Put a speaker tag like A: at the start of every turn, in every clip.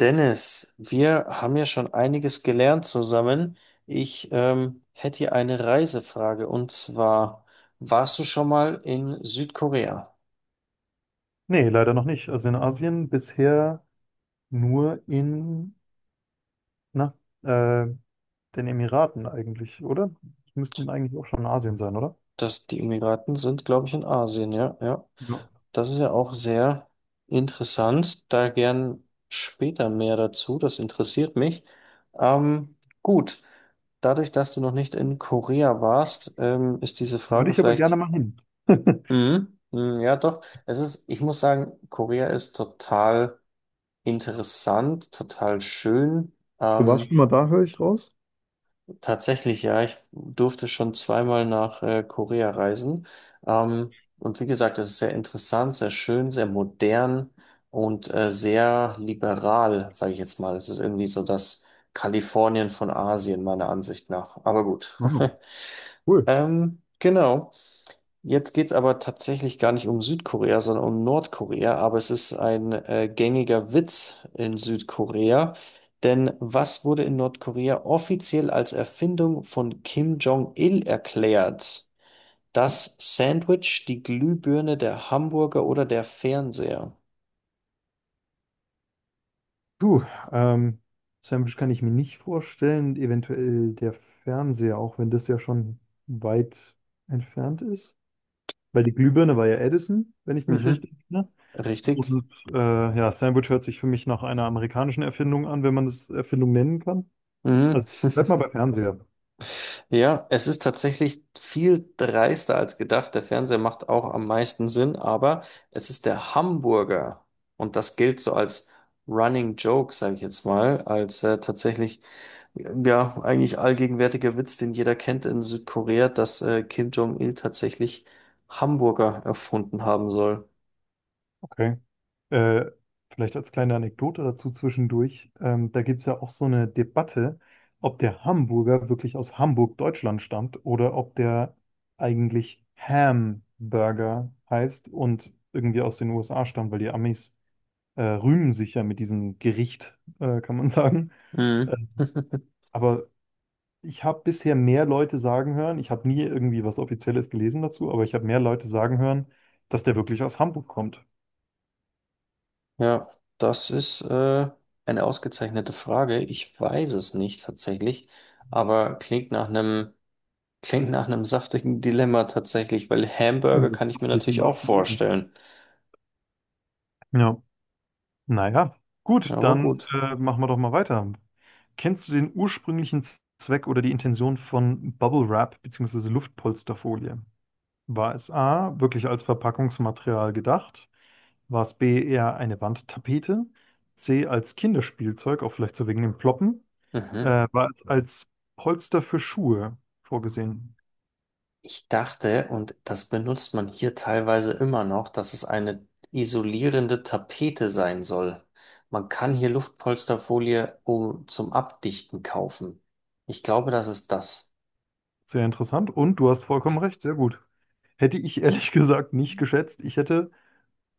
A: Dennis, wir haben ja schon einiges gelernt zusammen. Ich hätte hier eine Reisefrage und zwar, warst du schon mal in Südkorea?
B: Nee, leider noch nicht. Also in Asien bisher nur in na, äh, den Emiraten eigentlich, oder? Die müssten eigentlich auch schon in Asien sein, oder?
A: Die Emiraten sind, glaube ich, in Asien, ja, ja.
B: Ja.
A: Das ist ja auch sehr interessant. Da gern später mehr dazu. Das interessiert mich. Ähm, gut, dadurch, dass du noch nicht in Korea warst, ist diese
B: Würde
A: Frage
B: ich aber gerne
A: vielleicht
B: mal hin.
A: Mhm. Mhm, ja, doch. Es ist, ich muss sagen, Korea ist total interessant, total schön.
B: Du warst
A: Ähm,
B: schon mal da, höre ich raus?
A: Tatsächlich, ja, ich durfte schon zweimal nach Korea reisen. Und wie gesagt, es ist sehr interessant, sehr schön, sehr modern und sehr liberal, sage ich jetzt mal. Es ist irgendwie so das Kalifornien von Asien, meiner Ansicht nach. Aber gut.
B: Ah, cool.
A: Genau. Jetzt geht's aber tatsächlich gar nicht um Südkorea, sondern um Nordkorea. Aber es ist ein gängiger Witz in Südkorea. Denn was wurde in Nordkorea offiziell als Erfindung von Kim Jong-il erklärt? Das Sandwich, die Glühbirne, der Hamburger oder der Fernseher?
B: Du, ähm, Sandwich kann ich mir nicht vorstellen, eventuell der Fernseher, auch wenn das ja schon weit entfernt ist. Weil die Glühbirne war ja Edison, wenn ich mich
A: Mhm,
B: richtig erinnere.
A: richtig.
B: Und ja, Sandwich hört sich für mich nach einer amerikanischen Erfindung an, wenn man das Erfindung nennen kann.
A: Mhm.
B: Also bleib mal bei Fernseher.
A: Ja, es ist tatsächlich viel dreister als gedacht. Der Fernseher macht auch am meisten Sinn, aber es ist der Hamburger. Und das gilt so als Running Joke, sage ich jetzt mal, als tatsächlich, ja, eigentlich allgegenwärtiger Witz, den jeder kennt in Südkorea, dass Kim Jong-il tatsächlich Hamburger erfunden haben soll.
B: Okay. Äh, Vielleicht als kleine Anekdote dazu zwischendurch. Da gibt es ja auch so eine Debatte, ob der Hamburger wirklich aus Hamburg, Deutschland stammt oder ob der eigentlich Hamburger heißt und irgendwie aus den USA stammt, weil die Amis rühmen sich ja mit diesem Gericht, kann man sagen. Äh,
A: Mhm.
B: Aber ich habe bisher mehr Leute sagen hören, ich habe nie irgendwie was Offizielles gelesen dazu, aber ich habe mehr Leute sagen hören, dass der wirklich aus Hamburg kommt.
A: Ja, das ist eine ausgezeichnete Frage. Ich weiß es nicht tatsächlich, aber klingt nach einem. Klingt nach einem saftigen Dilemma tatsächlich, weil Hamburger
B: Also,
A: kann ich
B: das
A: mir
B: liegt im
A: natürlich auch
B: wahrsten Sinne.
A: vorstellen.
B: Ja, naja, gut,
A: Aber
B: dann
A: gut.
B: machen wir doch mal weiter. Kennst du den ursprünglichen Zweck oder die Intention von Bubble Wrap bzw. Luftpolsterfolie? War es A, wirklich als Verpackungsmaterial gedacht? War es B, eher eine Wandtapete? C, als Kinderspielzeug, auch vielleicht so wegen dem Ploppen?
A: Mhm.
B: War als Polster für Schuhe vorgesehen.
A: Ich dachte, und das benutzt man hier teilweise immer noch, dass es eine isolierende Tapete sein soll. Man kann hier Luftpolsterfolie zum Abdichten kaufen. Ich glaube, das.
B: Sehr interessant und du hast vollkommen recht, sehr gut. Hätte ich ehrlich gesagt nicht geschätzt. Ich hätte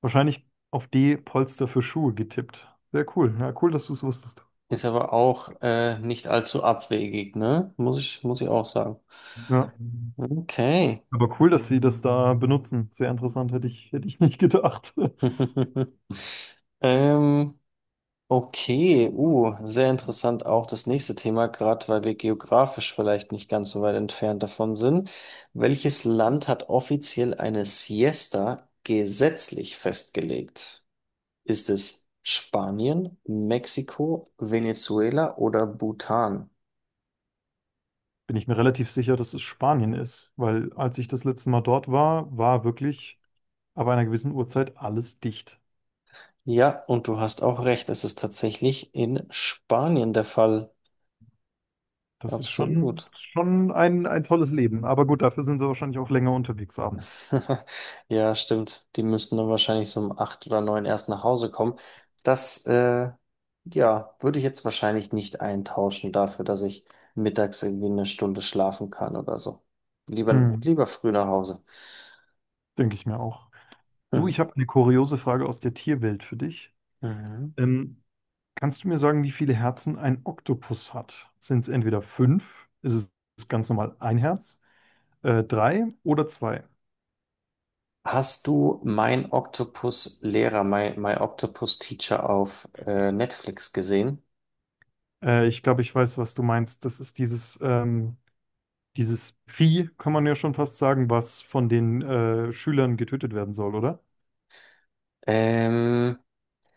B: wahrscheinlich auf D Polster für Schuhe getippt. Sehr cool. Ja, cool, dass du es wusstest.
A: Ist aber auch nicht allzu abwegig, ne? Muss ich auch sagen.
B: Ja.
A: Okay.
B: Aber cool, dass sie das da benutzen. Sehr interessant, hätte ich nicht gedacht.
A: Ähm, Okay, sehr interessant auch das nächste Thema, gerade weil wir geografisch vielleicht nicht ganz so weit entfernt davon sind. Welches Land hat offiziell eine Siesta gesetzlich festgelegt? Ist es Spanien, Mexiko, Venezuela oder Bhutan?
B: Bin ich mir relativ sicher, dass es Spanien ist, weil als ich das letzte Mal dort war, war wirklich ab einer gewissen Uhrzeit alles dicht.
A: Ja, und du hast auch recht, es ist tatsächlich in Spanien der Fall.
B: Das ist schon,
A: Absolut.
B: schon ein tolles Leben. Aber gut, dafür sind sie wahrscheinlich auch länger unterwegs abends.
A: Ja, stimmt. Die müssten dann wahrscheinlich so um 8 oder 9 erst nach Hause kommen. Das, äh, ja, würde ich jetzt wahrscheinlich nicht eintauschen dafür, dass ich mittags irgendwie eine Stunde schlafen kann oder so. Lieber,
B: Hm,
A: lieber früh nach Hause.
B: denke ich mir auch. Du, ich
A: Mhm.
B: habe eine kuriose Frage aus der Tierwelt für dich.
A: Mhm.
B: Ähm, Kannst du mir sagen, wie viele Herzen ein Oktopus hat? Sind es entweder fünf, ist es ganz normal ein Herz, drei oder zwei?
A: Hast du mein Octopus-Lehrer, My Octopus Teacher auf Netflix gesehen?
B: Ich glaube, ich weiß, was du meinst. Das ist dieses Vieh, kann man ja schon fast sagen, was von den Schülern getötet werden soll, oder?
A: Ähm,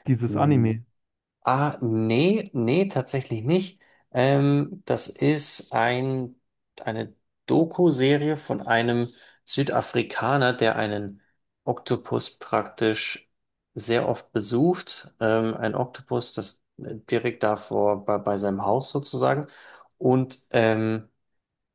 B: Dieses
A: hm.
B: Anime.
A: Ah, nee, nee, tatsächlich nicht. Das ist eine Doku-Serie von einem Südafrikaner, der einen Oktopus praktisch sehr oft besucht. Ein Oktopus, das direkt davor bei, bei seinem Haus sozusagen. Und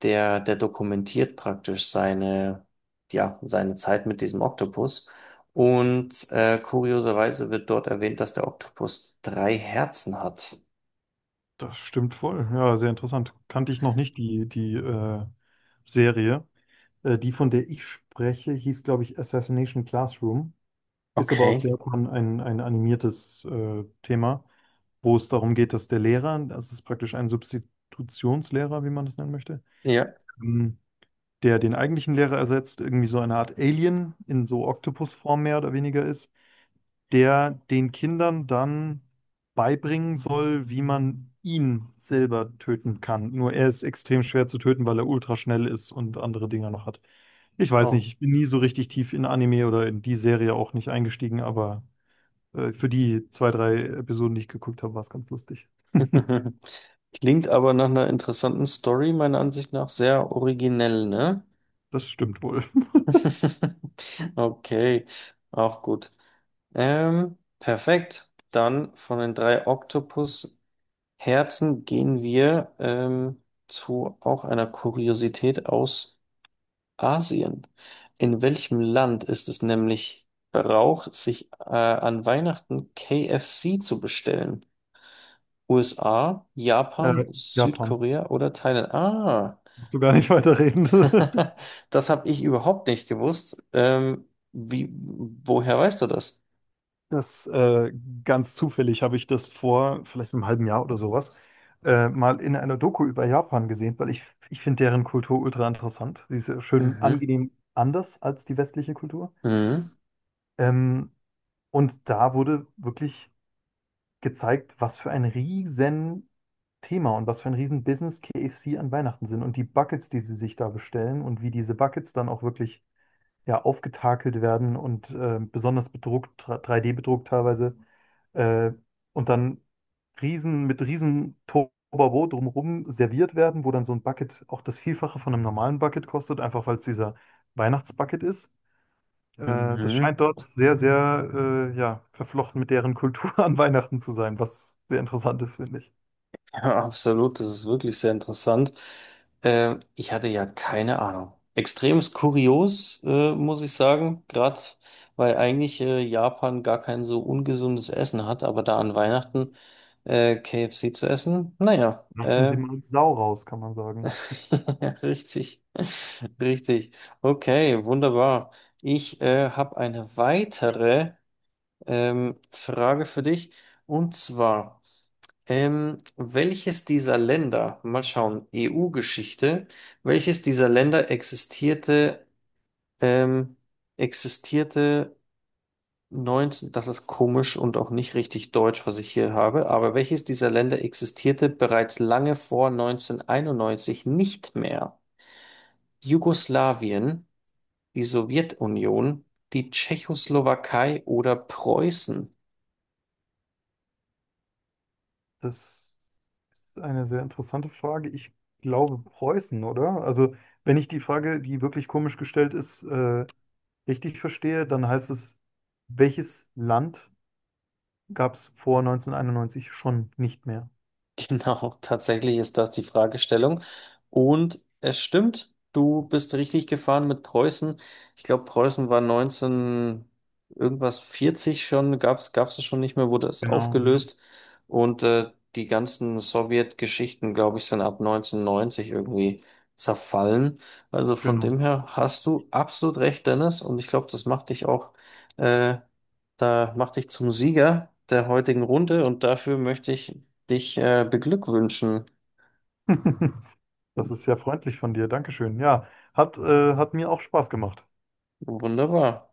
A: der dokumentiert praktisch seine, ja, seine Zeit mit diesem Oktopus. Und kurioserweise wird dort erwähnt, dass der Oktopus drei Herzen hat.
B: Das stimmt wohl. Ja, sehr interessant. Kannte ich noch nicht die Serie. Die, von der ich spreche, hieß, glaube ich, Assassination Classroom. Ist aber aus
A: Okay.
B: Japan ein animiertes Thema, wo es darum geht, dass der Lehrer, das ist praktisch ein Substitutionslehrer, wie man das nennen möchte,
A: Ja.
B: ähm, der den eigentlichen Lehrer ersetzt, irgendwie so eine Art Alien in so Oktopusform mehr oder weniger ist, der den Kindern dann beibringen soll, wie man ihn selber töten kann. Nur er ist extrem schwer zu töten, weil er ultra schnell ist und andere Dinger noch hat. Ich weiß
A: Oh.
B: nicht, ich bin nie so richtig tief in Anime oder in die Serie auch nicht eingestiegen, aber für die zwei, drei Episoden, die ich geguckt habe, war es ganz lustig.
A: Klingt aber nach einer interessanten Story, meiner Ansicht nach sehr originell, ne?
B: Das stimmt wohl.
A: Okay, auch gut. Perfekt. Dann von den drei Oktopus Herzen gehen wir zu auch einer Kuriosität aus Asien. In welchem Land ist es nämlich Brauch, sich an Weihnachten KFC zu bestellen? USA, Japan,
B: Japan.
A: Südkorea oder Thailand? Ah,
B: Musst du gar nicht weiterreden.
A: das habe ich überhaupt nicht gewusst. Woher weißt du das?
B: Das ganz zufällig habe ich das vor vielleicht einem halben Jahr oder sowas mal in einer Doku über Japan gesehen, ich finde deren Kultur ultra interessant. Die ist ja schön
A: Mhm.
B: angenehm anders als die westliche Kultur.
A: Mhm.
B: Ähm, und da wurde wirklich gezeigt, was für ein riesen Thema und was für ein riesen Business KFC an Weihnachten sind und die Buckets, die sie sich da bestellen und wie diese Buckets dann auch wirklich, ja, aufgetakelt werden und besonders bedruckt, 3D-bedruckt teilweise. Äh, und dann riesen, mit riesen Tobabo drumherum serviert werden, wo dann so ein Bucket auch das Vielfache von einem normalen Bucket kostet, einfach weil es dieser Weihnachtsbucket ist. Das
A: Mhm.
B: scheint dort sehr, sehr ja, verflochten mit deren Kultur an Weihnachten zu sein, was sehr interessant ist, finde ich.
A: Ja, absolut, das ist wirklich sehr interessant. Ich hatte ja keine Ahnung. Extremst kurios, muss ich sagen, gerade weil eigentlich Japan gar kein so ungesundes Essen hat, aber da an Weihnachten KFC zu essen, naja,
B: Lassen Sie mal Sau raus, kann man sagen.
A: ja, richtig, richtig. Okay, wunderbar. Ich habe eine weitere Frage für dich und zwar. Welches dieser Länder, mal schauen, EU-Geschichte, welches dieser Länder existierte, ähm, existierte das ist komisch und auch nicht richtig deutsch, was ich hier habe, aber welches dieser Länder existierte bereits lange vor 1991 nicht mehr? Jugoslawien, die Sowjetunion, die Tschechoslowakei oder Preußen?
B: Das ist eine sehr interessante Frage. Ich glaube Preußen, oder? Also, wenn ich die Frage, die wirklich komisch gestellt ist, richtig verstehe, dann heißt es, welches Land gab es vor 1991 schon nicht mehr?
A: Genau, tatsächlich ist das die Fragestellung. Und es stimmt, du bist richtig gefahren mit Preußen. Ich glaube, Preußen war 19 irgendwas 40 schon, gab's es schon nicht mehr, wurde es
B: Genau, ja,
A: aufgelöst. Und die ganzen Sowjetgeschichten, glaube ich, sind ab 1990 irgendwie zerfallen. Also von
B: genau.
A: dem her hast du absolut recht, Dennis. Und ich glaube, das macht dich auch äh, da macht dich zum Sieger der heutigen Runde und dafür möchte ich dich beglückwünschen.
B: Das ist sehr freundlich von dir. Dankeschön. Ja, hat mir auch Spaß gemacht.
A: Wunderbar.